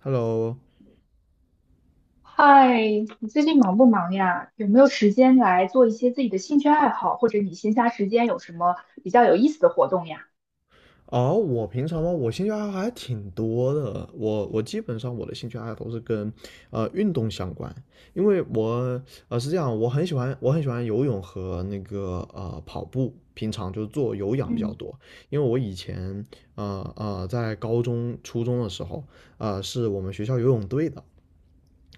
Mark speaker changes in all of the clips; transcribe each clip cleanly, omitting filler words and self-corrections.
Speaker 1: Hello，
Speaker 2: 嗨，你最近忙不忙呀？有没有时间来做一些自己的兴趣爱好，或者你闲暇时间有什么比较有意思的活动呀？
Speaker 1: 哦，我平常话，我兴趣爱好还挺多的。我基本上我的兴趣爱好都是跟运动相关，因为我是这样，我很喜欢游泳和那个跑步，平常就是做有氧比较
Speaker 2: 嗯
Speaker 1: 多。因为我以前在高中初中的时候，是我们学校游泳队的。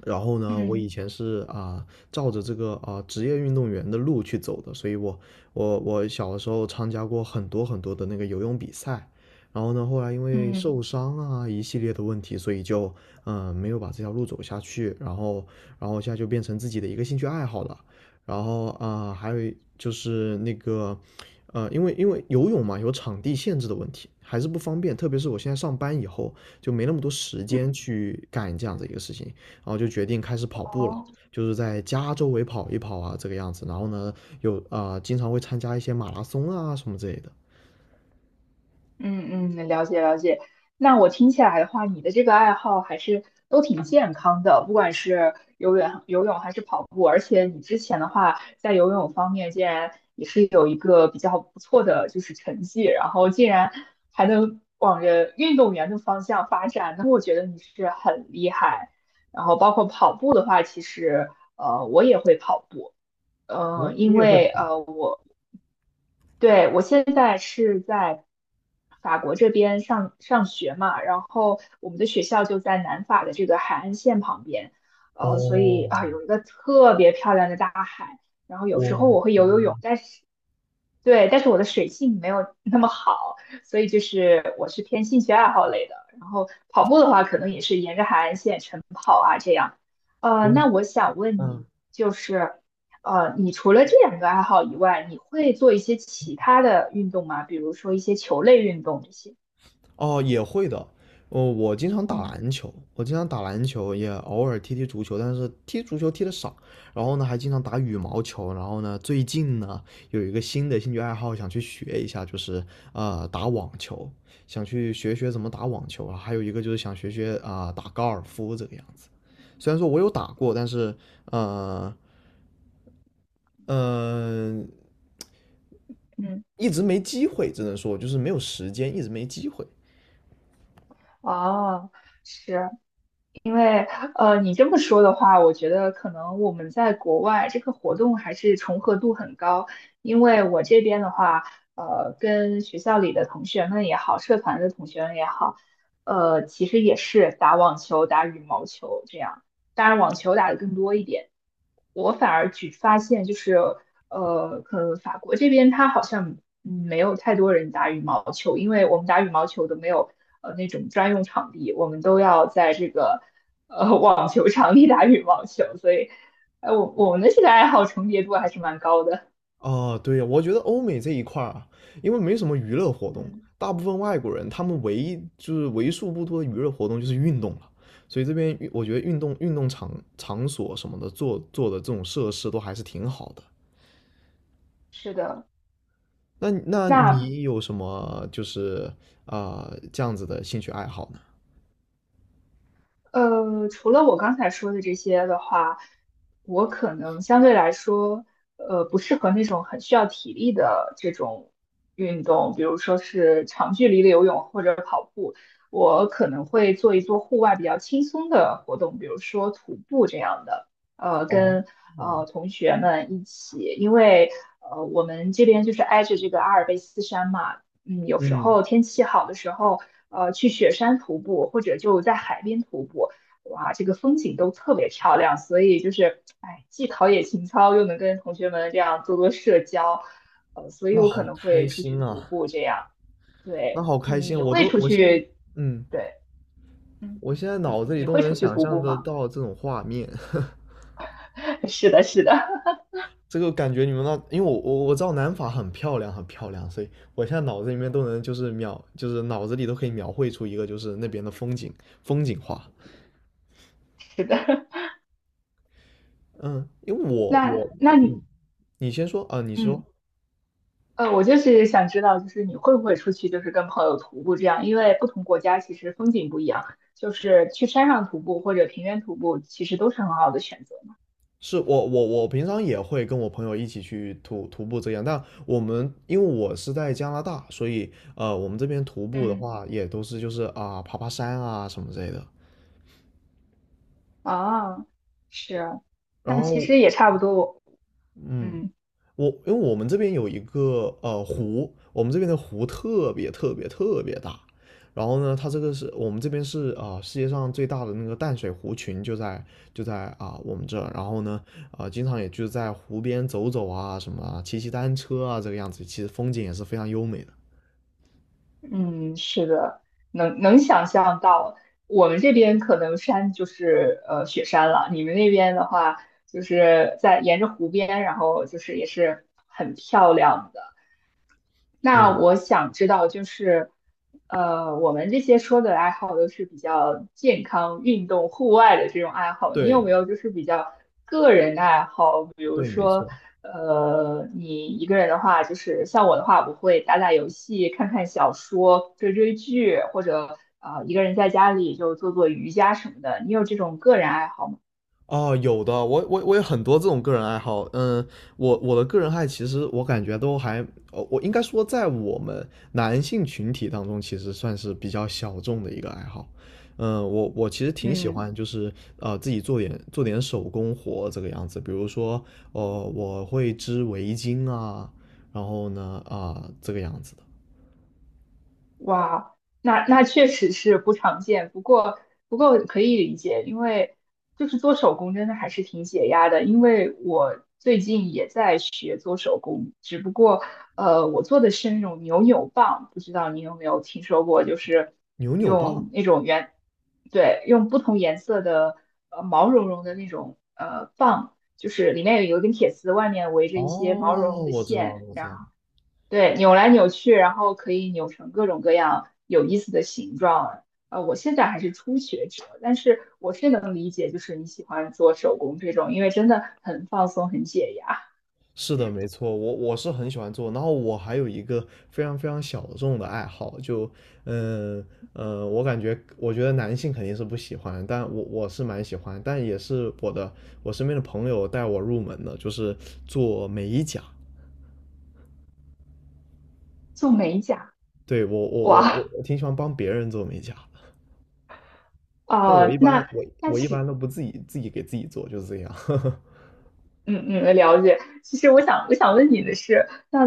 Speaker 1: 然后呢，我
Speaker 2: 嗯
Speaker 1: 以前是照着这个职业运动员的路去走的，所以我小的时候参加过很多的那个游泳比赛。然后呢，后来因为
Speaker 2: 嗯
Speaker 1: 受伤啊一系列的问题，所以就没有把这条路走下去，然后现在就变成自己的一个兴趣爱好了。然后还有就是那个因为游泳嘛有场地限制的问题，还是不方便，特别是我现在上班以后就没那么多时
Speaker 2: 嗯，
Speaker 1: 间去干这样的一个事情。然后就决定开始跑步了，就是在家周围跑一跑啊，这个样子。然后呢，有经常会参加一些马拉松啊什么之类的。
Speaker 2: 嗯嗯，了解了解。那我听起来的话，你的这个爱好还是都挺健康的，不管是游泳还是跑步，而且你之前的话，在游泳方面竟然也是有一个比较不错的就是成绩，然后竟然还能往着运动员的方向发展，那我觉得你是很厉害。然后包括跑步的话，其实我也会跑步，
Speaker 1: 哦，
Speaker 2: 嗯、
Speaker 1: 你
Speaker 2: 因
Speaker 1: 也会
Speaker 2: 为
Speaker 1: 跑？
Speaker 2: 我。对，我现在是在法国这边上学嘛，然后我们的学校就在南法的这个海岸线旁边，所以
Speaker 1: 哦，
Speaker 2: 啊，有一个特别漂亮的大海，然后有时
Speaker 1: 我
Speaker 2: 候
Speaker 1: 的
Speaker 2: 我会游游泳，
Speaker 1: 天，
Speaker 2: 但是对，但是我的水性没有 那么好，所以就是我是偏兴趣爱好类的，然后跑步的话，可能也是沿着海岸线。
Speaker 1: 我，
Speaker 2: 那我想问
Speaker 1: 嗯，
Speaker 2: 你，就是，你除了这两个爱好以外，你会做一些其他的运动吗？比如说一些球类运动这些？
Speaker 1: 哦，也会的。哦，我经常打
Speaker 2: 嗯
Speaker 1: 篮球，我经常打篮球，也偶尔踢踢足球，但是踢足球踢的少。然后呢，还经常打羽毛球。然后呢，最近呢有一个新的兴趣爱好，想去学一下，就是打网球，想去学学怎么打网球啊。还有一个就是想学学打高尔夫这个样子。虽然说我有打过，但是呃呃
Speaker 2: 嗯。
Speaker 1: 一直没机会，只能说就是没有时间，一直没机会。
Speaker 2: 哦，是，因为你这么说的话，我觉得可能我们在国外这个活动还是重合度很高。因为我这边的话，跟学校里的同学们也好，社团的同学们也好，其实也是打网球、打羽毛球这样。当然，网球打得更多一点。我反而举发现就是，可能法国这边它好像嗯没有太多人打羽毛球，因为我们打羽毛球都没有那种专用场地，我们都要在这个网球场里打羽毛球，所以，我们的这个爱好重叠度还是蛮高的。
Speaker 1: 哦，对呀，我觉得欧美这一块儿啊，因为没什么娱乐活动，
Speaker 2: 嗯，
Speaker 1: 大部分外国人他们唯一就是为数不多的娱乐活动就是运动了，所以这边我觉得运动场所什么的做的这种设施都还是挺好的。
Speaker 2: 是的，
Speaker 1: 那那
Speaker 2: 那
Speaker 1: 你有什么就是这样子的兴趣爱好呢？
Speaker 2: 除了我刚才说的这些的话，我可能相对来说，不适合那种很需要体力的这种运动，比如说是长距离的游泳或者跑步。我可能会做一做户外比较轻松的活动，比如说徒步这样的，
Speaker 1: 哦
Speaker 2: 跟
Speaker 1: 哦，
Speaker 2: 同学们一起，因为我们这边就是挨着这个阿尔卑斯山嘛。嗯，有时
Speaker 1: 嗯，
Speaker 2: 候天气好的时候，去雪山徒步或者就在海边徒步，哇，这个风景都特别漂亮。所以就是，哎，既陶冶情操，又能跟同学们这样做做社交，所以
Speaker 1: 那
Speaker 2: 我可
Speaker 1: 好
Speaker 2: 能
Speaker 1: 开
Speaker 2: 会出去
Speaker 1: 心
Speaker 2: 徒
Speaker 1: 啊，
Speaker 2: 步这样。
Speaker 1: 那
Speaker 2: 对，
Speaker 1: 好开心，
Speaker 2: 你
Speaker 1: 我
Speaker 2: 会
Speaker 1: 都
Speaker 2: 出
Speaker 1: 我现在
Speaker 2: 去，
Speaker 1: 嗯，
Speaker 2: 对，嗯，
Speaker 1: 我现在
Speaker 2: 你
Speaker 1: 脑子里
Speaker 2: 你
Speaker 1: 都
Speaker 2: 会
Speaker 1: 能
Speaker 2: 出去
Speaker 1: 想
Speaker 2: 徒
Speaker 1: 象
Speaker 2: 步
Speaker 1: 得
Speaker 2: 吗？
Speaker 1: 到这种画面。
Speaker 2: 是的，是的，
Speaker 1: 这个感觉你们那，因为我知道南法很漂亮，所以我现在脑子里面都能就是描，就是脑子里都可以描绘出一个就是那边的风景画。
Speaker 2: 是的。
Speaker 1: 嗯，因为 我
Speaker 2: 那
Speaker 1: 我
Speaker 2: 那你，
Speaker 1: 嗯，你先说啊，你
Speaker 2: 嗯。
Speaker 1: 说
Speaker 2: 我就是想知道，就是你会不会出去，就是跟朋友徒步这样？因为不同国家其实风景不一样，就是去山上徒步或者平原徒步，其实都是很好的选择。
Speaker 1: 是我平常也会跟我朋友一起去徒步这样，但我们因为我是在加拿大，所以我们这边徒步的
Speaker 2: 嗯
Speaker 1: 话也都是就是啊爬山啊什么之类的。
Speaker 2: 啊，是，
Speaker 1: 然
Speaker 2: 那其
Speaker 1: 后
Speaker 2: 实也差不多。
Speaker 1: 嗯，
Speaker 2: 嗯
Speaker 1: 我因为我们这边有一个湖，我们这边的湖特别大。然后呢，它这个是我们这边是世界上最大的那个淡水湖群就在就在我们这儿。然后呢，经常也就在湖边走走啊，什么啊骑骑单车啊，这个样子，其实风景也是非常优美的。
Speaker 2: 嗯，是的，能能想象到，我们这边可能山就是雪山了，你们那边的话就是在沿着湖边，然后就是也是很漂亮的。那
Speaker 1: 美，
Speaker 2: 我想知道，就是，我们这些说的爱好都是比较健康、运动、户外的这种爱好，你有
Speaker 1: 对
Speaker 2: 没有就是比较个人的爱好？比如
Speaker 1: 对，没
Speaker 2: 说，
Speaker 1: 错。
Speaker 2: 你一个人的话，就是像我的话，我会打打游戏、看看小说、追追剧，或者一个人在家里就做做瑜伽什么的。你有这种个人爱好吗？
Speaker 1: 哦，有的，我有很多这种个人爱好。嗯，我我的个人爱其实我感觉都还，哦，我应该说在我们男性群体当中，其实算是比较小众的一个爱好。嗯，我我其实挺喜
Speaker 2: 嗯
Speaker 1: 欢，就是自己做点手工活这个样子。比如说，呃，我会织围巾啊，然后呢，这个样子的
Speaker 2: 哇，那那确实是不常见，不过不过可以理解，因为就是做手工真的还是挺解压的。因为我最近也在学做手工，只不过我做的是那种扭扭棒，不知道你有没有听说过？就是
Speaker 1: 牛扭
Speaker 2: 用
Speaker 1: 棒。
Speaker 2: 那种圆，对，用不同颜色的毛茸茸的那种棒，就是里面有一根铁丝，外面围着
Speaker 1: 哦，
Speaker 2: 一些毛茸茸的
Speaker 1: 我知道了，
Speaker 2: 线。
Speaker 1: 我知
Speaker 2: 然
Speaker 1: 道了。
Speaker 2: 后。对，扭来扭去，然后可以扭成各种各样有意思的形状。我现在还是初学者，但是我是能理解，就是你喜欢做手工这种，因为真的很放松，很解压。
Speaker 1: 是的，没错，我我是很喜欢做。然后我还有一个非常非常小众的爱好，嗯我感觉，我觉得男性肯定是不喜欢，但我我是蛮喜欢，但也是我身边的朋友带我入门的，就是做美甲。
Speaker 2: 做美甲，
Speaker 1: 对，我我我我
Speaker 2: 哇，
Speaker 1: 我挺喜欢帮别人做美甲的。但我一
Speaker 2: 哦，
Speaker 1: 般
Speaker 2: 那
Speaker 1: 我
Speaker 2: 那
Speaker 1: 我一般
Speaker 2: 其
Speaker 1: 都不自己给自己做，就是这样。
Speaker 2: 嗯嗯，了解。其实我想问你的是，那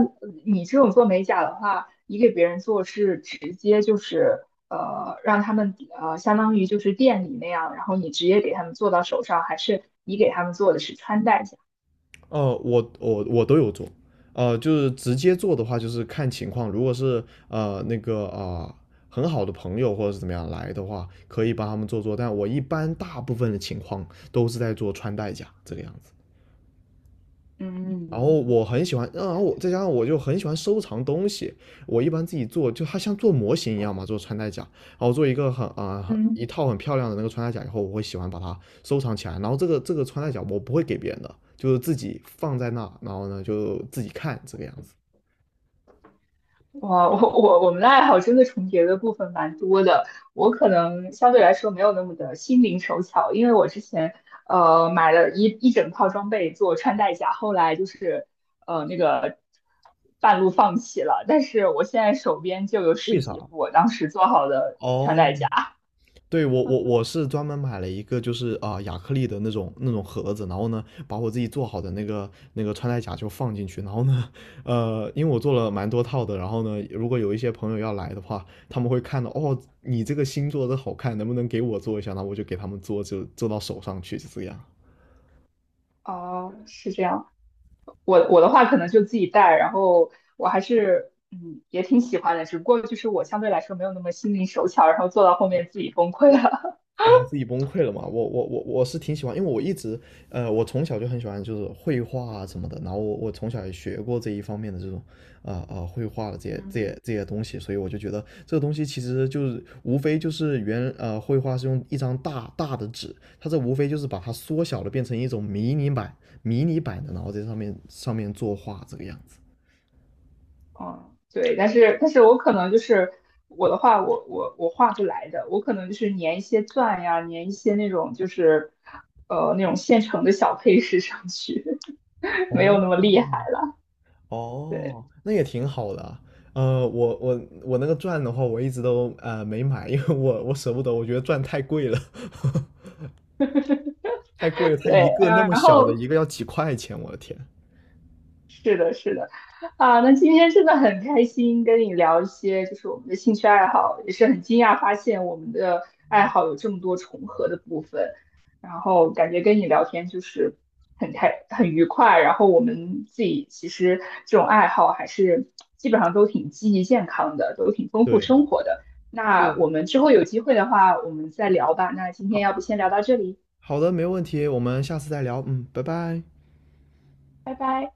Speaker 2: 你这种做美甲的话，你给别人做是直接就是让他们相当于就是店里那样，然后你直接给他们做到手上，还是你给他们做的是穿戴甲？
Speaker 1: 呃，我都有做。呃，就是直接做的话，就是看情况。如果是呃那个啊、呃很好的朋友或者是怎么样来的话，可以帮他们做做。但我一般大部分的情况都是在做穿戴甲这个样子。然
Speaker 2: 嗯
Speaker 1: 后我很喜欢，然后我再加上我就很喜欢收藏东西。我一般自己做，就它像做模型一样嘛，做穿戴甲。然后做一个很一
Speaker 2: 嗯。
Speaker 1: 套很漂亮的那个穿戴甲以后，我会喜欢把它收藏起来，然后这个穿戴甲我不会给别人的，就是自己放在那，然后呢就自己看这个样子。
Speaker 2: 哇，我们的爱好真的重叠的部分蛮多的。我可能相对来说没有那么的心灵手巧，因为我之前买了一整套装备做穿戴甲，后来就是呃那个半路放弃了。但是我现在手边就有
Speaker 1: 为
Speaker 2: 十
Speaker 1: 啥？
Speaker 2: 几副我当时做好的穿
Speaker 1: 哦，
Speaker 2: 戴甲。
Speaker 1: 对我是专门买了一个就是亚克力的那种盒子，然后呢把我自己做好的那个穿戴甲就放进去，然后呢因为我做了蛮多套的，然后呢如果有一些朋友要来的话，他们会看到哦你这个新做的好看，能不能给我做一下？那我就给他们做，就做到手上去，就这样。
Speaker 2: 哦，是这样。我我的话可能就自己带，然后我还是嗯也挺喜欢的，只不过就是我相对来说没有那么心灵手巧，然后做到后面自己崩溃了。
Speaker 1: 啊，自己崩溃了嘛？我是挺喜欢，因为我一直，呃，我从小就很喜欢就是绘画啊什么的，然后我我从小也学过这一方面的这种，绘画的这 些这
Speaker 2: 嗯
Speaker 1: 些这些东西，所以我就觉得这个东西其实就是无非就是绘画是用一张大大的纸，它这无非就是把它缩小了变成一种迷你版的，然后在上面作画这个样子。
Speaker 2: 嗯，对，但是我可能就是我的话，我画不来的，我可能就是粘一些钻呀，粘一些那种就是那种现成的小配饰上去，没有那么厉
Speaker 1: 哦，
Speaker 2: 害了。对
Speaker 1: 哦，那也挺好的啊。呃，我我我那个钻的话，我一直都没买，因为我我舍不得，我觉得钻太贵了，太贵了。它一
Speaker 2: 对，
Speaker 1: 个那么
Speaker 2: 然
Speaker 1: 小的
Speaker 2: 后
Speaker 1: 一个要几块钱，我的天。
Speaker 2: 是的，是的，啊，那今天真的很开心跟你聊一些，就是我们的兴趣爱好，也是很惊讶发现我们的爱好有这么多重合的部分，然后感觉跟你聊天就是很开很愉快，然后我们自己其实这种爱好还是基本上都挺积极健康的，都挺丰富
Speaker 1: 对
Speaker 2: 生活的。那
Speaker 1: 对，
Speaker 2: 我们之后有机会的话，我们再聊吧。那今天
Speaker 1: 好
Speaker 2: 要不先聊到这里，
Speaker 1: 好的，没问题，我们下次再聊。嗯，拜拜。
Speaker 2: 拜拜。